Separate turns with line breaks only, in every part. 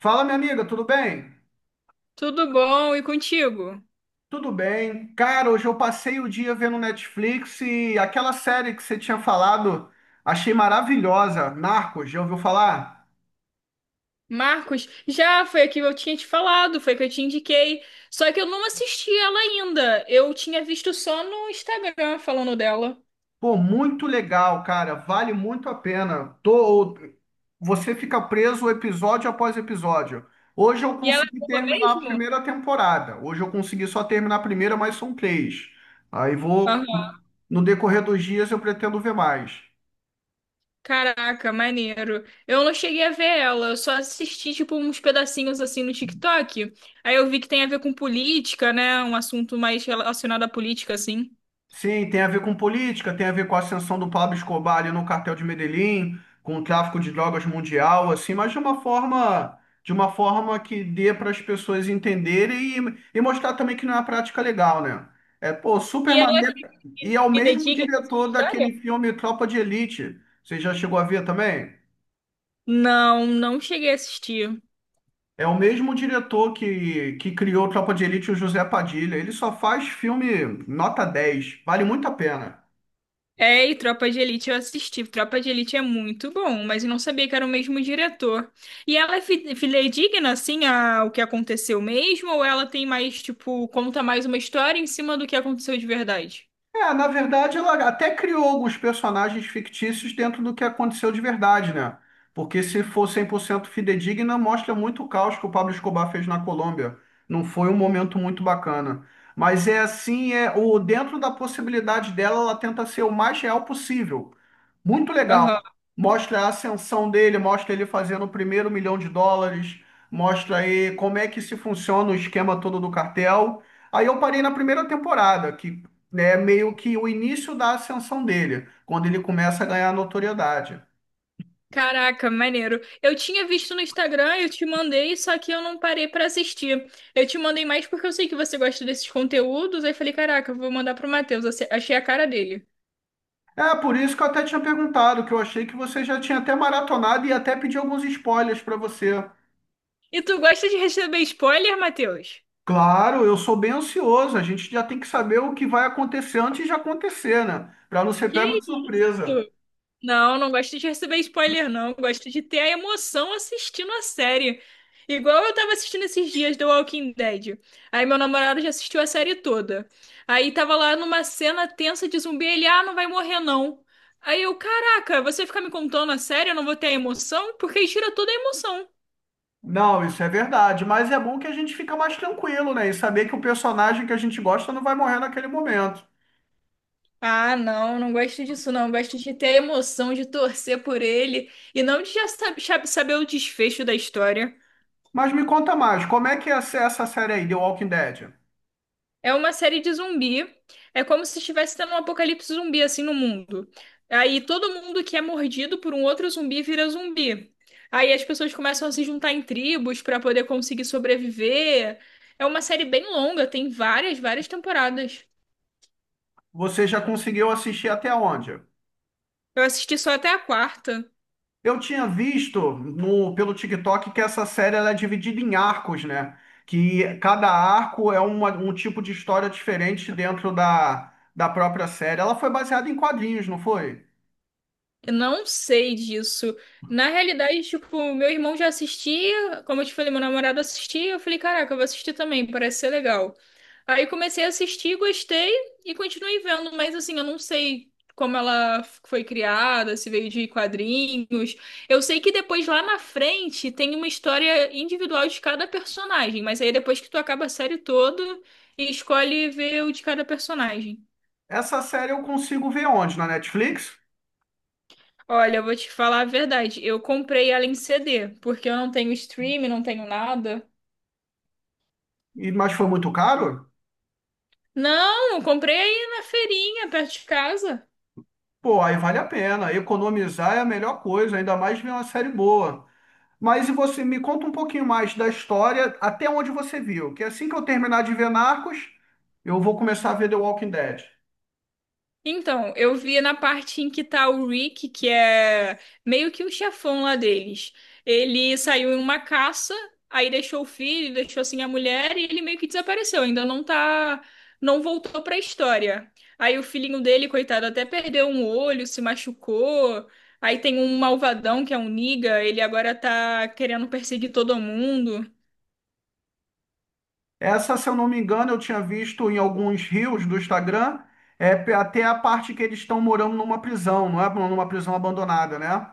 Fala, minha amiga, tudo bem?
Tudo bom? E contigo?
Tudo bem. Cara, hoje eu passei o dia vendo Netflix e aquela série que você tinha falado, achei maravilhosa. Narcos, já ouviu falar?
Marcos, já foi a que eu tinha te falado, foi a que eu te indiquei. Só que eu não assisti ela ainda. Eu tinha visto só no Instagram falando dela.
Pô, muito legal, cara. Vale muito a pena. Tô... Você fica preso episódio após episódio. Hoje eu
E ela é
consegui
boa
terminar a
mesmo?
primeira temporada. Hoje eu consegui só terminar a primeira, mas são três. Aí vou.
Aham.
No decorrer dos dias eu pretendo ver mais.
Caraca, maneiro. Eu não cheguei a ver ela, eu só assisti tipo uns pedacinhos assim no TikTok. Aí eu vi que tem a ver com política, né? Um assunto mais relacionado à política, assim.
Sim, tem a ver com política, tem a ver com a ascensão do Pablo Escobar ali no cartel de Medellín, com o tráfico de drogas mundial, assim, mas de uma forma que dê para as pessoas entenderem e, mostrar também que não é uma prática legal, né? É, pô, super
E ela é
maneiro. E é o mesmo
fidedigna
diretor
essa história?
daquele filme Tropa de Elite. Você já chegou a ver também?
Não, não cheguei a assistir.
É o mesmo diretor que criou Tropa de Elite, o José Padilha. Ele só faz filme nota 10. Vale muito a pena.
É, e Tropa de Elite eu assisti. Tropa de Elite é muito bom, mas eu não sabia que era o mesmo diretor. E ela é fidedigna, assim, ao que aconteceu mesmo, ou ela tem mais, tipo, conta mais uma história em cima do que aconteceu de verdade?
É, na verdade, ela até criou alguns personagens fictícios dentro do que aconteceu de verdade, né? Porque se for 100% fidedigna, mostra muito o caos que o Pablo Escobar fez na Colômbia. Não foi um momento muito bacana. Mas é assim, é o dentro da possibilidade dela, ela tenta ser o mais real possível. Muito legal.
Aham.
Mostra a ascensão dele, mostra ele fazendo o primeiro milhão de dólares, mostra aí como é que se funciona o esquema todo do cartel. Aí eu parei na primeira temporada, que né, meio que o início da ascensão dele, quando ele começa a ganhar notoriedade.
Caraca, maneiro. Eu tinha visto no Instagram, eu te mandei, só que eu não parei pra assistir. Eu te mandei mais porque eu sei que você gosta desses conteúdos, aí falei, caraca, eu vou mandar pro Matheus, achei a cara dele.
É por isso que eu até tinha perguntado, que eu achei que você já tinha até maratonado e até pedi alguns spoilers para você.
E tu gosta de receber spoiler, Matheus?
Claro, eu sou bem ansioso, a gente já tem que saber o que vai acontecer antes de acontecer, né? Para não ser pego
Que
de surpresa.
isso? Não, não gosto de receber spoiler, não. Gosto de ter a emoção assistindo a série. Igual eu tava assistindo esses dias The Walking Dead. Aí meu namorado já assistiu a série toda. Aí tava lá numa cena tensa de zumbi, ele, ah, não vai morrer não. Aí eu, caraca, você fica me contando a série, eu não vou ter a emoção? Porque aí tira toda a emoção.
Não, isso é verdade, mas é bom que a gente fica mais tranquilo, né? E saber que o personagem que a gente gosta não vai morrer naquele momento.
Ah, não, não gosto disso, não. Gosto de ter a emoção de torcer por ele e não de já saber o desfecho da história.
Mas me conta mais, como é que é essa série aí, The Walking Dead?
É uma série de zumbi. É como se estivesse tendo um apocalipse zumbi assim no mundo. Aí todo mundo que é mordido por um outro zumbi vira zumbi. Aí as pessoas começam a se juntar em tribos para poder conseguir sobreviver. É uma série bem longa, tem várias, várias temporadas.
Você já conseguiu assistir até onde?
Eu assisti só até a quarta.
Eu tinha visto no, pelo TikTok, que essa série ela é dividida em arcos, né? Que cada arco é um tipo de história diferente dentro da própria série. Ela foi baseada em quadrinhos, não foi?
Eu não sei disso. Na realidade, tipo, meu irmão já assistia, como eu te falei, meu namorado assistia, eu falei, caraca, eu vou assistir também, parece ser legal. Aí comecei a assistir, gostei e continuei vendo, mas assim, eu não sei como ela foi criada, se veio de quadrinhos. Eu sei que depois lá na frente tem uma história individual de cada personagem, mas aí depois que tu acaba a série toda, escolhe ver o de cada personagem.
Essa série eu consigo ver onde? Na Netflix?
Olha, eu vou te falar a verdade. Eu comprei ela em CD, porque eu não tenho stream, não tenho nada.
E- mas foi muito caro?
Não, eu comprei aí na feirinha, perto de casa.
Pô, aí vale a pena. Economizar é a melhor coisa, ainda mais ver uma série boa. Mas e você me conta um pouquinho mais da história, até onde você viu, que assim que eu terminar de ver Narcos, eu vou começar a ver The Walking Dead.
Então, eu vi na parte em que tá o Rick, que é meio que o chefão lá deles. Ele saiu em uma caça, aí deixou o filho, deixou assim a mulher e ele meio que desapareceu. Ainda não tá, não voltou pra história. Aí o filhinho dele, coitado, até perdeu um olho, se machucou. Aí tem um malvadão que é um Niga, ele agora tá querendo perseguir todo mundo.
Essa, se eu não me engano, eu tinha visto em alguns reels do Instagram, é, até a parte que eles estão morando numa prisão, não é? Numa prisão abandonada, né?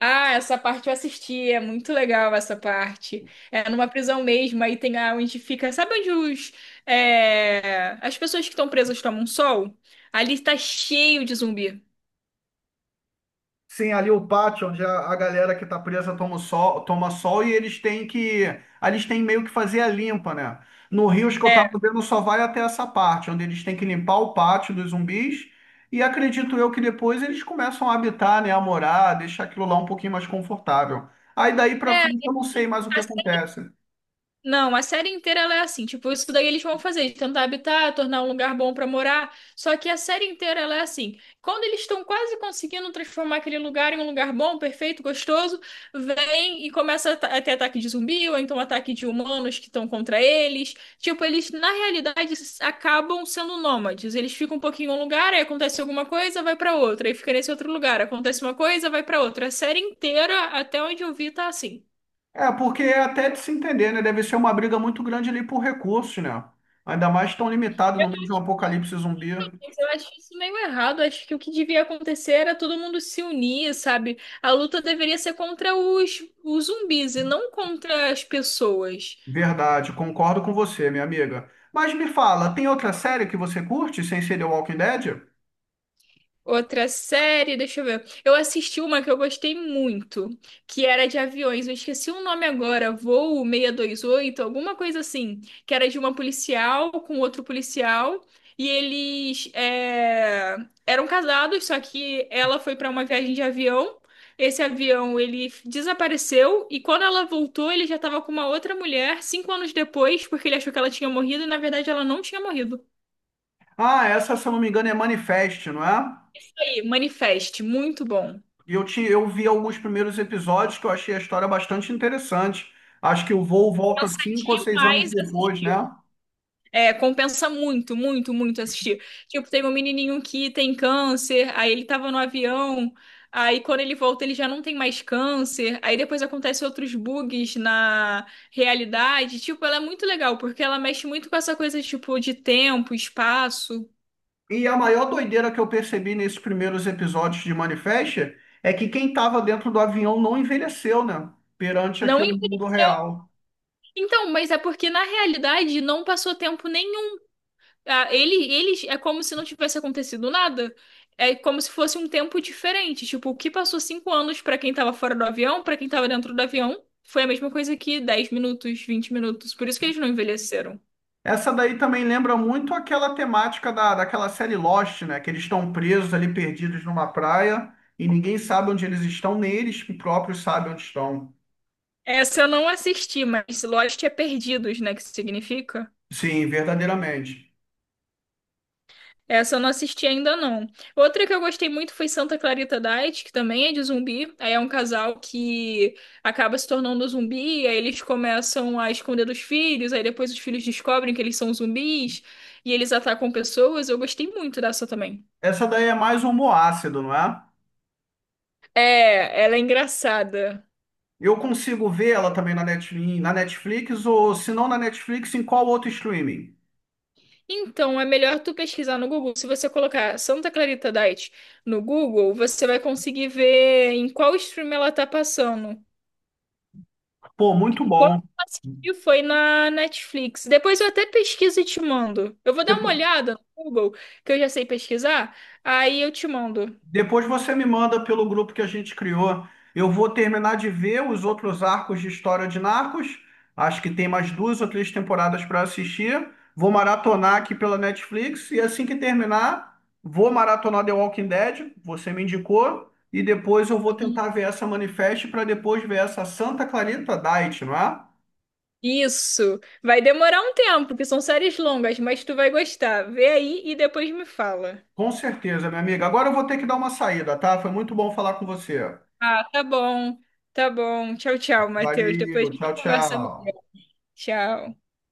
Ah, essa parte eu assisti, é muito legal essa parte. É numa prisão mesmo, aí tem a onde fica. Sabe onde os, é, as pessoas que estão presas tomam sol? Ali está cheio de zumbi.
Sim, ali o pátio, onde a galera que tá presa toma o sol, toma sol e eles têm que. Ali eles têm meio que fazer a limpa, né? No Rio, os que eu tava
É.
vendo só vai até essa parte, onde eles têm que limpar o pátio dos zumbis. E acredito eu que depois eles começam a habitar, né? A morar, deixar aquilo lá um pouquinho mais confortável. Aí daí pra
É,
frente eu não sei
assim,
mais o que acontece.
não, a série inteira ela é assim, tipo, isso daí eles vão fazer, tentar habitar, tornar um lugar bom pra morar. Só que a série inteira ela é assim. Quando eles estão quase conseguindo transformar aquele lugar em um lugar bom, perfeito, gostoso, vem e começa a a ter ataque de zumbi ou então ataque de humanos que estão contra eles. Tipo, eles na realidade acabam sendo nômades. Eles ficam um pouquinho em um lugar, aí acontece alguma coisa, vai pra outra, aí fica nesse outro lugar, acontece uma coisa, vai pra outra. A série inteira, até onde eu vi, tá assim.
É, porque é até de se entender, né? Deve ser uma briga muito grande ali por recursos, né? Ainda mais tão limitado no meio de um apocalipse zumbi.
Mas eu acho isso meio errado. Acho que o que devia acontecer era todo mundo se unir, sabe? A luta deveria ser contra os zumbis e não contra as pessoas.
Verdade, concordo com você, minha amiga. Mas me fala, tem outra série que você curte sem ser The Walking Dead?
Outra série, deixa eu ver. Eu assisti uma que eu gostei muito, que era de aviões. Eu esqueci o nome agora, Voo seiscentos e vinte e oito alguma coisa assim, que era de uma policial com outro policial e eles é, eram casados, só que ela foi para uma viagem de avião. Esse avião ele desapareceu e quando ela voltou, ele já estava com uma outra mulher 5 anos depois, porque ele achou que ela tinha morrido e na verdade ela não tinha morrido.
Ah, essa, se eu não me engano, é Manifest, não é?
Aí, Manifest, muito bom.
Eu vi alguns primeiros episódios que eu achei a história bastante interessante. Acho que o voo volta
Compensa
5 ou 6 anos
demais
depois,
assistir.
né?
É, compensa muito, muito, muito assistir. Tipo, tem um menininho que tem câncer, aí ele tava no avião, aí quando ele volta ele já não tem mais câncer, aí depois acontecem outros bugs na realidade. Tipo, ela é muito legal, porque ela mexe muito com essa coisa, tipo, de tempo, espaço.
E a maior doideira que eu percebi nesses primeiros episódios de Manifest é que quem estava dentro do avião não envelheceu, né? Perante
Não
aqui o mundo
envelheceu.
real.
Então, mas é porque na realidade não passou tempo nenhum. Ah, ele é como se não tivesse acontecido nada. É como se fosse um tempo diferente. Tipo, o que passou 5 anos pra quem tava fora do avião, pra quem tava dentro do avião, foi a mesma coisa que 10 minutos, 20 minutos. Por isso que eles não envelheceram.
Essa daí também lembra muito aquela temática daquela série Lost, né? Que eles estão presos ali, perdidos numa praia, e ninguém sabe onde eles estão, nem eles próprios sabem onde estão.
Essa eu não assisti, mas Lost é perdidos, né? Que significa?
Sim, verdadeiramente.
Essa eu não assisti ainda não. Outra que eu gostei muito foi Santa Clarita Diet, que também é de zumbi. Aí é um casal que acaba se tornando zumbi, aí eles começam a esconder dos filhos, aí depois os filhos descobrem que eles são zumbis e eles atacam pessoas. Eu gostei muito dessa também.
Essa daí é mais homoácido, não é?
É, ela é engraçada.
Eu consigo ver ela também na Netflix, ou se não na Netflix, em qual outro streaming?
Então, é melhor tu pesquisar no Google. Se você colocar Santa Clarita Diet no Google, você vai conseguir ver em qual stream ela tá passando.
Pô, muito
Quando
bom.
eu assisti foi na Netflix. Depois eu até pesquiso e te mando. Eu vou dar uma
Depo-
olhada no Google, que eu já sei pesquisar, aí eu te mando.
Depois você me manda pelo grupo que a gente criou. Eu vou terminar de ver os outros arcos de história de Narcos. Acho que tem mais duas ou três temporadas para assistir. Vou maratonar aqui pela Netflix e assim que terminar, vou maratonar The Walking Dead. Você me indicou. E depois eu vou tentar ver essa Manifest para depois ver essa Santa Clarita Diet, não é?
Isso. Vai demorar um tempo, porque são séries longas, mas tu vai gostar. Vê aí e depois me fala.
Com certeza, minha amiga. Agora eu vou ter que dar uma saída, tá? Foi muito bom falar com você.
Ah, tá bom. Tá bom. Tchau, tchau, Matheus. Depois
Valeu,
a gente
tchau,
conversa
tchau.
melhor. Tchau.